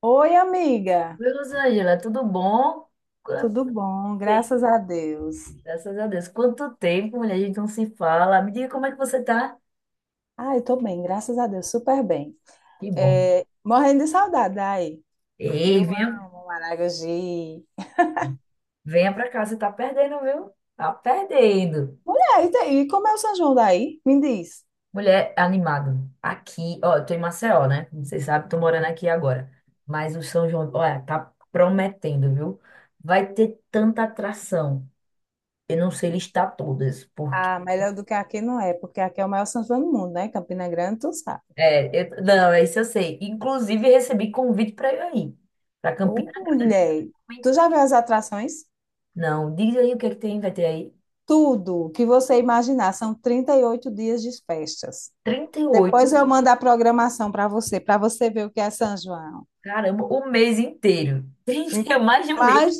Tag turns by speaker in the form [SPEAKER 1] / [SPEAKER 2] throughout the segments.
[SPEAKER 1] Oi, amiga.
[SPEAKER 2] Oi, Rosângela, tudo bom? Quanto
[SPEAKER 1] Tudo bom?
[SPEAKER 2] tempo?
[SPEAKER 1] Graças a Deus.
[SPEAKER 2] Graças a Deus. Quanto tempo, mulher, a gente não se fala. Me diga como é que você tá?
[SPEAKER 1] Ai, tô bem, graças a Deus, super bem.
[SPEAKER 2] Que bom.
[SPEAKER 1] É, morrendo de saudade aí.
[SPEAKER 2] Ei,
[SPEAKER 1] Eu
[SPEAKER 2] venha,
[SPEAKER 1] amo Maragogi.
[SPEAKER 2] venha pra cá, você tá perdendo, viu? Tá perdendo.
[SPEAKER 1] Mulher, e daí? Como é o São João daí? Me diz.
[SPEAKER 2] Mulher, animado. Aqui, ó, eu tô em Maceió, né? Como vocês sabem, tô morando aqui agora. Mas o São João, olha, tá prometendo, viu? Vai ter tanta atração. Eu não sei listar todas.
[SPEAKER 1] Ah, melhor do que aqui não é, porque aqui é o maior São João do mundo, né? Campina Grande, tu sabe.
[SPEAKER 2] É, eu, não, é isso eu sei. Inclusive, recebi convite para eu ir aí, para
[SPEAKER 1] Ô,
[SPEAKER 2] Campina Grande.
[SPEAKER 1] mulher, tu já viu as atrações?
[SPEAKER 2] Não, diz aí o que é que tem, vai ter aí
[SPEAKER 1] Tudo que você imaginar, são 38 dias de festas.
[SPEAKER 2] 38,
[SPEAKER 1] Depois eu mando a programação para você ver o que é São João.
[SPEAKER 2] caramba, o mês inteiro. Trinta é mais de um mês
[SPEAKER 1] Mais,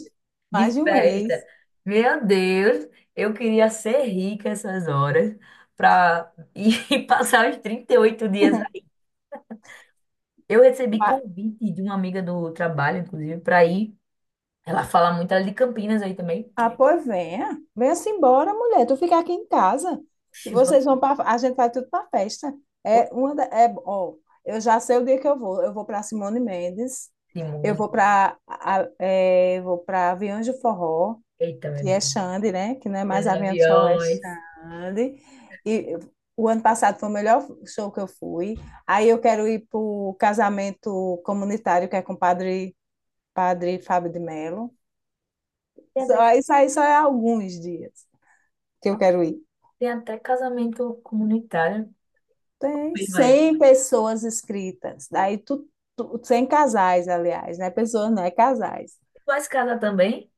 [SPEAKER 2] de
[SPEAKER 1] mais de um
[SPEAKER 2] festa.
[SPEAKER 1] mês.
[SPEAKER 2] Meu Deus, eu queria ser rica essas horas para ir passar os 38 dias. Eu recebi
[SPEAKER 1] Ah,
[SPEAKER 2] convite de uma amiga do trabalho, inclusive, para ir. Ela fala muito, ela é de Campinas aí também.
[SPEAKER 1] ah, pois venha. Venha-se embora, mulher. Tu fica aqui em casa. E
[SPEAKER 2] Oxi, vamos,
[SPEAKER 1] vocês vão para. A gente vai tudo para festa.
[SPEAKER 2] ô,
[SPEAKER 1] É uma da- é, ó, eu já sei o dia que eu vou. Eu vou para Simone Mendes. Eu
[SPEAKER 2] Simone.
[SPEAKER 1] vou para é, Vou para Aviões de Forró,
[SPEAKER 2] Eita, meu
[SPEAKER 1] que é
[SPEAKER 2] Deus.
[SPEAKER 1] Xande, né? Que não é
[SPEAKER 2] Feira
[SPEAKER 1] mais
[SPEAKER 2] de
[SPEAKER 1] Aviões de Forró, é
[SPEAKER 2] aviões.
[SPEAKER 1] Xande. E o ano passado foi o melhor show que eu fui. Aí eu quero ir para o casamento comunitário, que é com o padre Padre Fábio de Mello.
[SPEAKER 2] Tem até,
[SPEAKER 1] Só, isso aí só é alguns dias que eu quero ir.
[SPEAKER 2] tem até casamento comunitário.
[SPEAKER 1] Tem
[SPEAKER 2] Pois vai. Tu
[SPEAKER 1] 100 pessoas inscritas, 100 casais, aliás, né? Pessoas, não é casais.
[SPEAKER 2] vai casar também?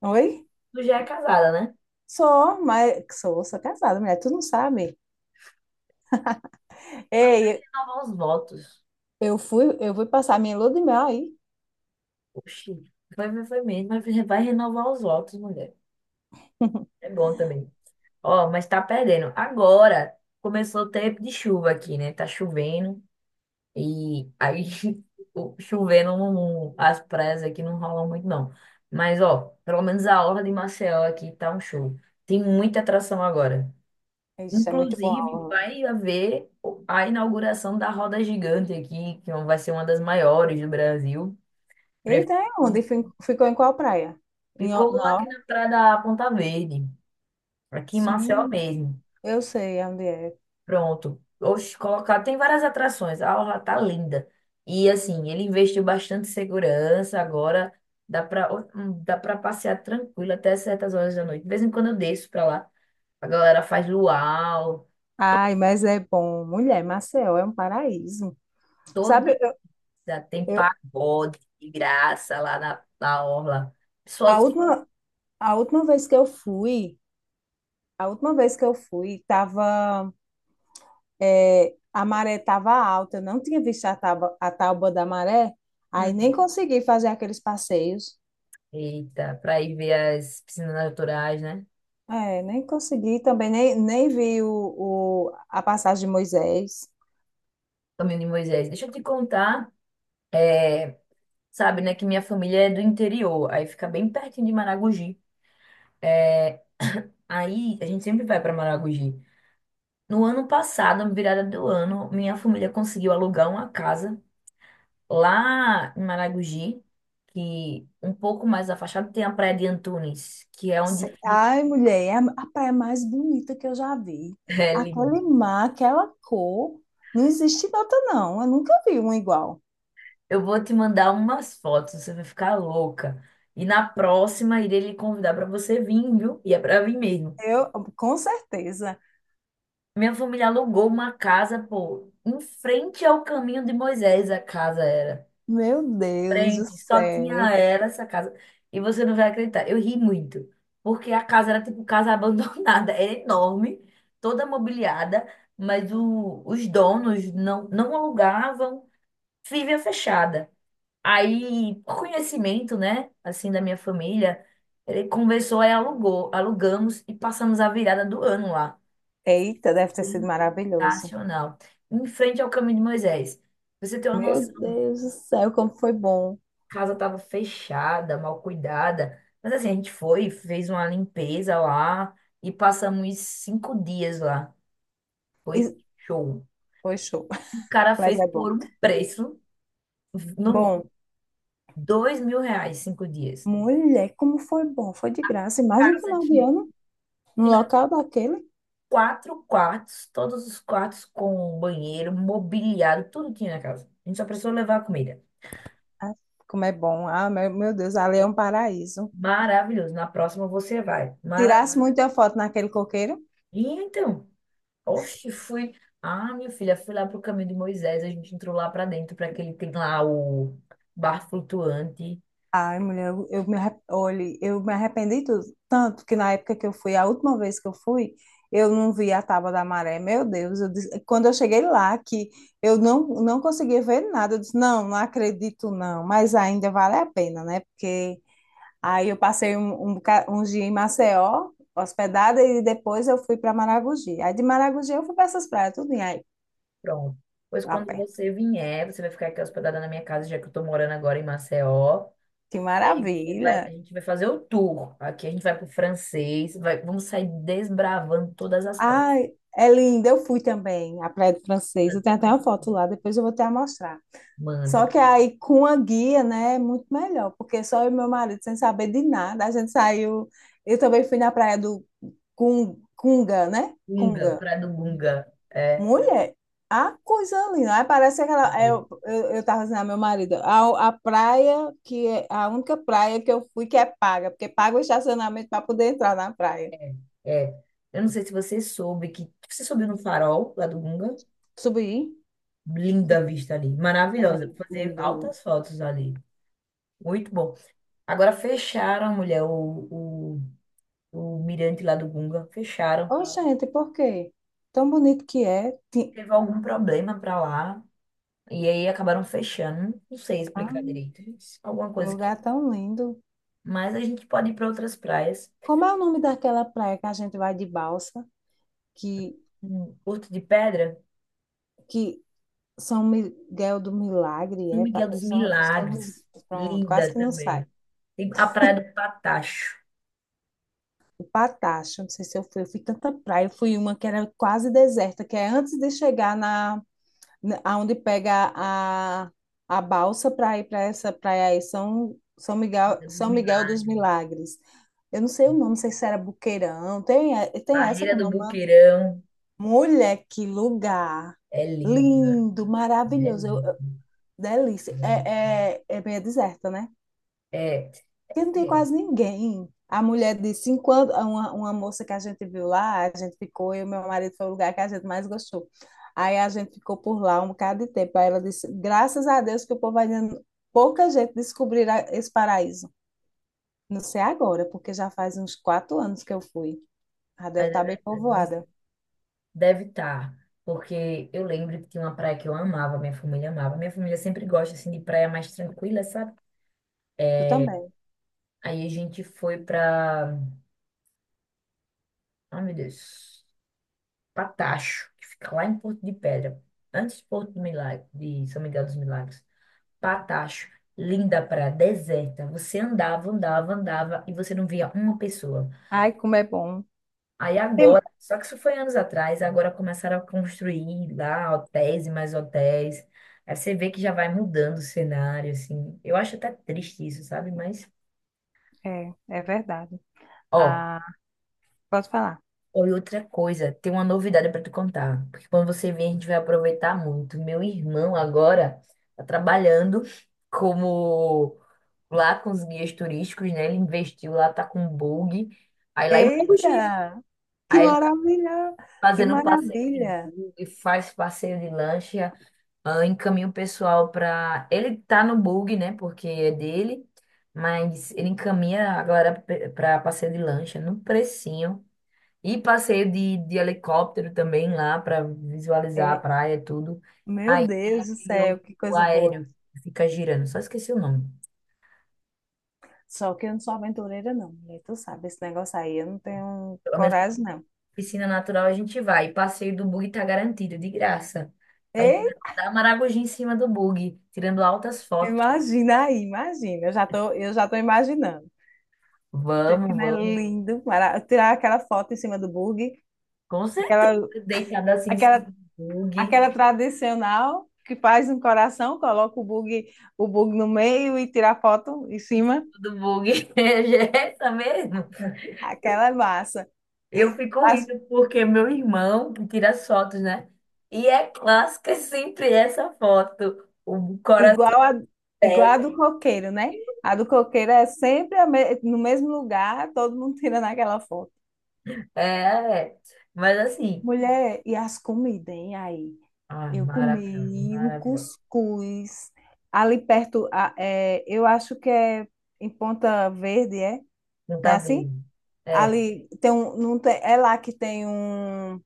[SPEAKER 1] Oi?
[SPEAKER 2] Tu já é casada, né?
[SPEAKER 1] Sou, mas sou casada, mulher, tu não sabe.
[SPEAKER 2] Mas vai
[SPEAKER 1] Ei,
[SPEAKER 2] renovar os votos.
[SPEAKER 1] eu fui passar minha lua de mel aí.
[SPEAKER 2] Oxi. Vai, vai, vai mesmo. Vai, vai renovar os votos, mulher. É bom também. Ó, mas tá perdendo. Agora começou o tempo de chuva aqui, né? Tá chovendo. E aí, chovendo, as praias aqui não rolam muito, não. Mas, ó, pelo menos a orla de Maceió aqui tá um show. Tem muita atração agora.
[SPEAKER 1] Isso é muito bom.
[SPEAKER 2] Inclusive,
[SPEAKER 1] Orla.
[SPEAKER 2] vai haver a inauguração da Roda Gigante aqui, que vai ser uma das maiores do Brasil.
[SPEAKER 1] Eita,
[SPEAKER 2] Prefeito
[SPEAKER 1] é onde? Ficou em qual praia? Em, Or-
[SPEAKER 2] ficou aqui
[SPEAKER 1] na
[SPEAKER 2] na praia da Ponta Verde, aqui em Maceió
[SPEAKER 1] Sim,
[SPEAKER 2] mesmo.
[SPEAKER 1] eu sei onde é.
[SPEAKER 2] Pronto. Oxe, colocar, tem várias atrações. A orla tá linda. E assim, ele investiu bastante em segurança agora. Dá pra passear tranquilo até certas horas da noite. De vez em quando eu desço pra lá. A galera faz luau.
[SPEAKER 1] Ai, mas é bom. Mulher, Maceió é um paraíso.
[SPEAKER 2] Todo
[SPEAKER 1] Sabe,
[SPEAKER 2] já tem
[SPEAKER 1] Eu,
[SPEAKER 2] pagode de graça lá na orla. Pessoal,
[SPEAKER 1] a
[SPEAKER 2] se-
[SPEAKER 1] última, a última vez que eu fui, a última vez que eu fui, tava, é, a maré tava alta, eu não tinha visto a tábua da maré, aí nem
[SPEAKER 2] Hum.
[SPEAKER 1] consegui fazer aqueles passeios.
[SPEAKER 2] Eita, para ir ver as piscinas naturais, né?
[SPEAKER 1] É, nem consegui também, nem vi a passagem de Moisés.
[SPEAKER 2] Caminho de Moisés. Deixa eu te contar, é, sabe, né, que minha família é do interior, aí fica bem pertinho de Maragogi. É, aí a gente sempre vai para Maragogi. No ano passado, na virada do ano, minha família conseguiu alugar uma casa lá em Maragogi, que um pouco mais afastado tem a Praia de Antunes, que é onde fica.
[SPEAKER 1] Ai, mulher, é a praia mais bonita que eu já vi. Aquele
[SPEAKER 2] É.
[SPEAKER 1] mar, aquela cor, não existe outra, não. Eu nunca vi uma igual.
[SPEAKER 2] Eu vou te mandar umas fotos, você vai ficar louca. E na próxima, irei lhe convidar para você vir, viu? E é para vir mesmo.
[SPEAKER 1] Eu, com certeza.
[SPEAKER 2] Minha família alugou uma casa, pô, em frente ao caminho de Moisés, a casa era.
[SPEAKER 1] Meu Deus do
[SPEAKER 2] Frente, só tinha
[SPEAKER 1] céu.
[SPEAKER 2] era essa casa. E você não vai acreditar, eu ri muito, porque a casa era tipo casa abandonada, era enorme, toda mobiliada, mas os donos não alugavam, vivia fechada. Aí, por conhecimento, né, assim, da minha família, ele conversou e alugou, alugamos e passamos a virada do ano lá.
[SPEAKER 1] Eita, deve ter sido maravilhoso.
[SPEAKER 2] Sensacional. Em frente ao Caminho de Moisés. Pra você tem uma
[SPEAKER 1] Meu
[SPEAKER 2] noção,
[SPEAKER 1] Deus do céu, como foi bom.
[SPEAKER 2] a casa estava fechada, mal cuidada, mas assim, a gente foi, fez uma limpeza lá e passamos 5 dias lá. Foi
[SPEAKER 1] E-
[SPEAKER 2] show.
[SPEAKER 1] Foi show,
[SPEAKER 2] O cara
[SPEAKER 1] mas
[SPEAKER 2] fez
[SPEAKER 1] é
[SPEAKER 2] por
[SPEAKER 1] bom.
[SPEAKER 2] um preço, no,
[SPEAKER 1] Bom,
[SPEAKER 2] R$ 2.000, 5 dias.
[SPEAKER 1] mulher, como foi bom. Foi de graça. Imagina o
[SPEAKER 2] Casa
[SPEAKER 1] final de
[SPEAKER 2] tinha
[SPEAKER 1] ano, no local daquele.
[SPEAKER 2] quatro quartos, todos os quartos com banheiro, mobiliado, tudo tinha na casa. A gente só precisou levar a comida.
[SPEAKER 1] Ah, como é bom. Ah, meu Deus, ali é um paraíso.
[SPEAKER 2] Maravilhoso. Na próxima você vai. Mara...
[SPEAKER 1] Tirasse muita foto naquele coqueiro.
[SPEAKER 2] E então, oxe, fui. Ah, minha filha, fui lá pro caminho de Moisés. A gente entrou lá pra dentro, para aquele tem lá o bar flutuante.
[SPEAKER 1] Ai, mulher, olhe, eu me arrependi tudo. Tanto que na época que eu fui, a última vez que eu fui, eu não vi a Tábua da Maré. Meu Deus, eu disse- quando eu cheguei lá, que eu não conseguia ver nada, eu disse, não acredito não. Mas ainda vale a pena, né? Porque aí eu passei um dia em Maceió, hospedada, e depois eu fui para Maragogi. Aí de Maragogi eu fui para essas praias, tudo em aí,
[SPEAKER 2] Pronto. Pois
[SPEAKER 1] lá
[SPEAKER 2] quando
[SPEAKER 1] perto.
[SPEAKER 2] você vier, você vai ficar aqui hospedada na minha casa, já que eu tô morando agora em Maceió.
[SPEAKER 1] Que
[SPEAKER 2] E aí você vai, a
[SPEAKER 1] maravilha!
[SPEAKER 2] gente vai fazer o tour. Aqui a gente vai pro francês, vai, vamos sair desbravando todas as praias.
[SPEAKER 1] Ai, é linda. Eu fui também à Praia do Francês. Eu tenho até uma foto lá, depois eu vou até mostrar.
[SPEAKER 2] Mande.
[SPEAKER 1] Só que aí com a guia, né, é muito melhor, porque só eu e meu marido, sem saber de nada, a gente saiu. Eu também fui na praia do Cunga, né?
[SPEAKER 2] Gunga,
[SPEAKER 1] Cunga.
[SPEAKER 2] Praia do Gunga. É,
[SPEAKER 1] Mulher, a coisa linda. Aí parece aquela. É, eu tava dizendo ao meu marido, a praia que é a única praia que eu fui que é paga, porque paga o estacionamento para poder entrar na praia.
[SPEAKER 2] é. Eu não sei se você soube que. Você subiu no farol lá do Gunga?
[SPEAKER 1] Subir.
[SPEAKER 2] Linda a
[SPEAKER 1] Subir.
[SPEAKER 2] vista ali.
[SPEAKER 1] É
[SPEAKER 2] Maravilhosa.
[SPEAKER 1] lindo,
[SPEAKER 2] Fazer
[SPEAKER 1] lindo.
[SPEAKER 2] altas fotos ali. Muito bom. Agora fecharam, mulher, o mirante lá do Gunga. Fecharam.
[SPEAKER 1] Ô, gente, por quê? Tão bonito que é.
[SPEAKER 2] Teve algum problema pra lá. E aí acabaram fechando. Não sei explicar
[SPEAKER 1] Ah,
[SPEAKER 2] direito. Alguma
[SPEAKER 1] um
[SPEAKER 2] coisa que.
[SPEAKER 1] lugar tão lindo.
[SPEAKER 2] Mas a gente pode ir para outras praias.
[SPEAKER 1] Como é o nome daquela praia que a gente vai de balsa? Que,
[SPEAKER 2] Porto de Pedra.
[SPEAKER 1] que São Miguel do Milagre,
[SPEAKER 2] São
[SPEAKER 1] é?
[SPEAKER 2] Miguel dos Milagres,
[SPEAKER 1] Pronto, quase
[SPEAKER 2] linda
[SPEAKER 1] que não sai.
[SPEAKER 2] também. Tem a Praia do Patacho,
[SPEAKER 1] O Patacho, não sei se eu fui. Eu fui tanta praia. Eu fui uma que era quase deserta, que é antes de chegar aonde pega a balsa para ir para essa praia aí,
[SPEAKER 2] São Miguel dos
[SPEAKER 1] São Miguel dos
[SPEAKER 2] Milagres.
[SPEAKER 1] Milagres. Eu não sei o nome, não sei se era Buqueirão. Tem essa
[SPEAKER 2] Barreira
[SPEAKER 1] com
[SPEAKER 2] do
[SPEAKER 1] nome? Né?
[SPEAKER 2] Boqueirão,
[SPEAKER 1] Mulher, que lugar!
[SPEAKER 2] é linda,
[SPEAKER 1] Lindo,
[SPEAKER 2] é
[SPEAKER 1] maravilhoso,
[SPEAKER 2] linda.
[SPEAKER 1] delícia. É meio deserta, né?
[SPEAKER 2] É, é,
[SPEAKER 1] Porque não tem
[SPEAKER 2] é,
[SPEAKER 1] quase ninguém. A mulher de 50, uma moça que a gente viu lá, a gente ficou, e o meu marido foi o lugar que a gente mais gostou. Aí a gente ficou por lá um bocado de tempo. Aí ela disse: graças a Deus que o povo ainda, pouca gente descobrirá esse paraíso. Não sei agora, porque já faz uns 4 anos que eu fui. Já deve
[SPEAKER 2] mas é
[SPEAKER 1] estar bem
[SPEAKER 2] verdade, não,
[SPEAKER 1] povoada.
[SPEAKER 2] deve estar, porque eu lembro que tinha uma praia que eu amava. Minha família sempre gosta, assim, de praia mais tranquila, sabe?
[SPEAKER 1] Eu também.
[SPEAKER 2] Aí a gente foi pra, oh meu Deus, Patacho, que fica lá em Porto de Pedra, antes de Porto do Milagre, de São Miguel dos Milagres. Patacho, linda praia, deserta. Você andava, andava, andava e você não via uma pessoa.
[SPEAKER 1] Ai, como é bom.
[SPEAKER 2] Aí
[SPEAKER 1] Tem mu-
[SPEAKER 2] agora, só que isso foi anos atrás, agora começaram a construir lá hotéis e mais hotéis. Aí você vê que já vai mudando o cenário, assim. Eu acho até triste isso, sabe? Mas,
[SPEAKER 1] É, é verdade.
[SPEAKER 2] ó,
[SPEAKER 1] Ah, posso falar?
[SPEAKER 2] ou outra coisa, tem uma novidade para te contar. Porque quando você vier, a gente vai aproveitar muito. Meu irmão agora tá trabalhando como lá com os guias turísticos, né? Ele investiu lá, tá com bug. Aí lá em Maragogi.
[SPEAKER 1] Eita! Que
[SPEAKER 2] Aí ele tá
[SPEAKER 1] maravilha! Que
[SPEAKER 2] fazendo um passeio de
[SPEAKER 1] maravilha!
[SPEAKER 2] bug, faz passeio de lancha, ah, encaminha o pessoal pra. Ele tá no bug, né? Porque é dele, mas ele encaminha a galera pra passeio de lancha no precinho. E passeio de helicóptero também lá pra visualizar a
[SPEAKER 1] É.
[SPEAKER 2] praia e tudo.
[SPEAKER 1] Meu
[SPEAKER 2] Aí tem
[SPEAKER 1] Deus do
[SPEAKER 2] aquele
[SPEAKER 1] céu,
[SPEAKER 2] outro
[SPEAKER 1] que coisa boa.
[SPEAKER 2] aéreo que fica girando, só esqueci o nome.
[SPEAKER 1] Só que eu não sou aventureira, não, mulher. Tu sabe, esse negócio aí eu não tenho
[SPEAKER 2] Pelo menos
[SPEAKER 1] coragem, não.
[SPEAKER 2] piscina natural a gente vai. Passeio do bug tá garantido, de graça. A gente
[SPEAKER 1] Ei,
[SPEAKER 2] vai dar Maragogi em cima do bug, tirando altas fotos.
[SPEAKER 1] imagina aí, imagina. Eu já tô imaginando. Gente, que
[SPEAKER 2] Vamos,
[SPEAKER 1] não é
[SPEAKER 2] vamos.
[SPEAKER 1] lindo, tirar aquela foto em cima do bug,
[SPEAKER 2] Com
[SPEAKER 1] aquela,
[SPEAKER 2] certeza, deitado assim em cima
[SPEAKER 1] aquela,
[SPEAKER 2] do bug.
[SPEAKER 1] aquela tradicional que faz um coração, coloca o bug no meio e tira a foto em cima.
[SPEAKER 2] Do bug. É essa mesmo.
[SPEAKER 1] Aquela é massa.
[SPEAKER 2] Eu fico
[SPEAKER 1] As
[SPEAKER 2] rindo porque meu irmão que tira as fotos, né? E é clássica sempre essa foto. O coração.
[SPEAKER 1] Igual igual
[SPEAKER 2] É,
[SPEAKER 1] a do coqueiro, né? A do coqueiro é sempre no mesmo lugar, todo mundo tirando aquela foto.
[SPEAKER 2] é. Mas assim.
[SPEAKER 1] Mulher, e as comidas, hein? Aí,
[SPEAKER 2] Ah,
[SPEAKER 1] eu
[SPEAKER 2] maravilhoso,
[SPEAKER 1] comi um
[SPEAKER 2] maravilhoso.
[SPEAKER 1] cuscuz ali perto, é, eu acho que é em Ponta Verde, é?
[SPEAKER 2] Não
[SPEAKER 1] Não é
[SPEAKER 2] tá
[SPEAKER 1] assim?
[SPEAKER 2] vendo. É.
[SPEAKER 1] Ali tem um, não tem, é lá que tem um,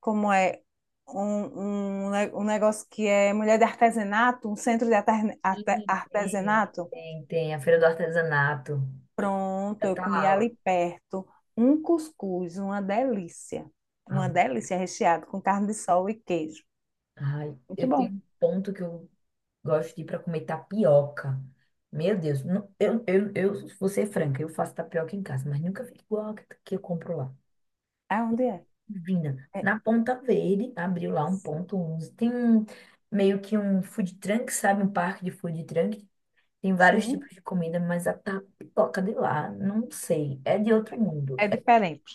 [SPEAKER 1] como é? Um negócio que é mulher de artesanato, um centro de
[SPEAKER 2] Ih, tem,
[SPEAKER 1] artesanato.
[SPEAKER 2] tem, tem. A Feira do Artesanato.
[SPEAKER 1] Pronto,
[SPEAKER 2] Já
[SPEAKER 1] eu
[SPEAKER 2] tá
[SPEAKER 1] comi
[SPEAKER 2] lá.
[SPEAKER 1] ali perto um cuscuz, uma delícia. Uma
[SPEAKER 2] Ó,
[SPEAKER 1] delícia recheado com carne de sol e queijo.
[SPEAKER 2] ai,
[SPEAKER 1] Muito
[SPEAKER 2] eu
[SPEAKER 1] bom.
[SPEAKER 2] tenho um ponto que eu gosto de ir para comer tapioca. Meu Deus, não, eu vou ser franca, eu faço tapioca em casa, mas nunca fica igual a que eu compro lá.
[SPEAKER 1] É onde é?
[SPEAKER 2] Divina.
[SPEAKER 1] É,
[SPEAKER 2] Na Ponta Verde, abriu lá um ponto, onze tem um, meio que um food truck, sabe? Um parque de food truck. Tem vários tipos
[SPEAKER 1] sim.
[SPEAKER 2] de comida, mas a tapioca de lá, não sei, é de outro mundo.
[SPEAKER 1] É diferente.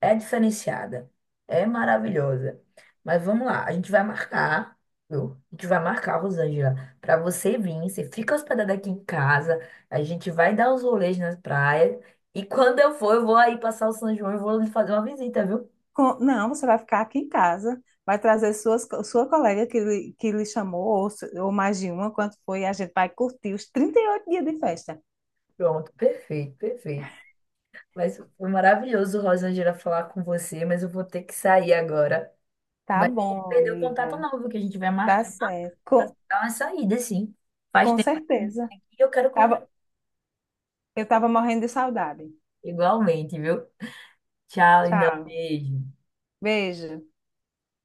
[SPEAKER 2] É diferenciada. É maravilhosa. Mas vamos lá, a gente vai marcar, viu? A gente vai marcar, Rosângela, para você vir. Você fica hospedada aqui em casa, a gente vai dar uns rolês nas praias. E quando eu for, eu vou aí passar o São João e vou lhe fazer uma visita, viu?
[SPEAKER 1] Com- não, você vai ficar aqui em casa, vai trazer suas, sua colega que lhe chamou, ou, ou mais de uma, quanto foi, a gente vai curtir os 38 dias de festa.
[SPEAKER 2] Pronto, perfeito, perfeito. Mas foi maravilhoso, Rosângela, falar com você, mas eu vou ter que sair agora.
[SPEAKER 1] Tá
[SPEAKER 2] Mas não
[SPEAKER 1] bom,
[SPEAKER 2] perdeu o contato
[SPEAKER 1] amiga,
[SPEAKER 2] não, viu? Que a gente vai
[SPEAKER 1] tá
[SPEAKER 2] marcar
[SPEAKER 1] certo,
[SPEAKER 2] para
[SPEAKER 1] com,
[SPEAKER 2] dar uma saída, sim. Faz
[SPEAKER 1] com
[SPEAKER 2] tempo que eu não
[SPEAKER 1] certeza.
[SPEAKER 2] venho aqui e eu quero conhecer
[SPEAKER 1] Tava, eu tava morrendo de saudade.
[SPEAKER 2] igualmente, viu? Tchau, lindão.
[SPEAKER 1] Tchau,
[SPEAKER 2] Beijo.
[SPEAKER 1] beijo.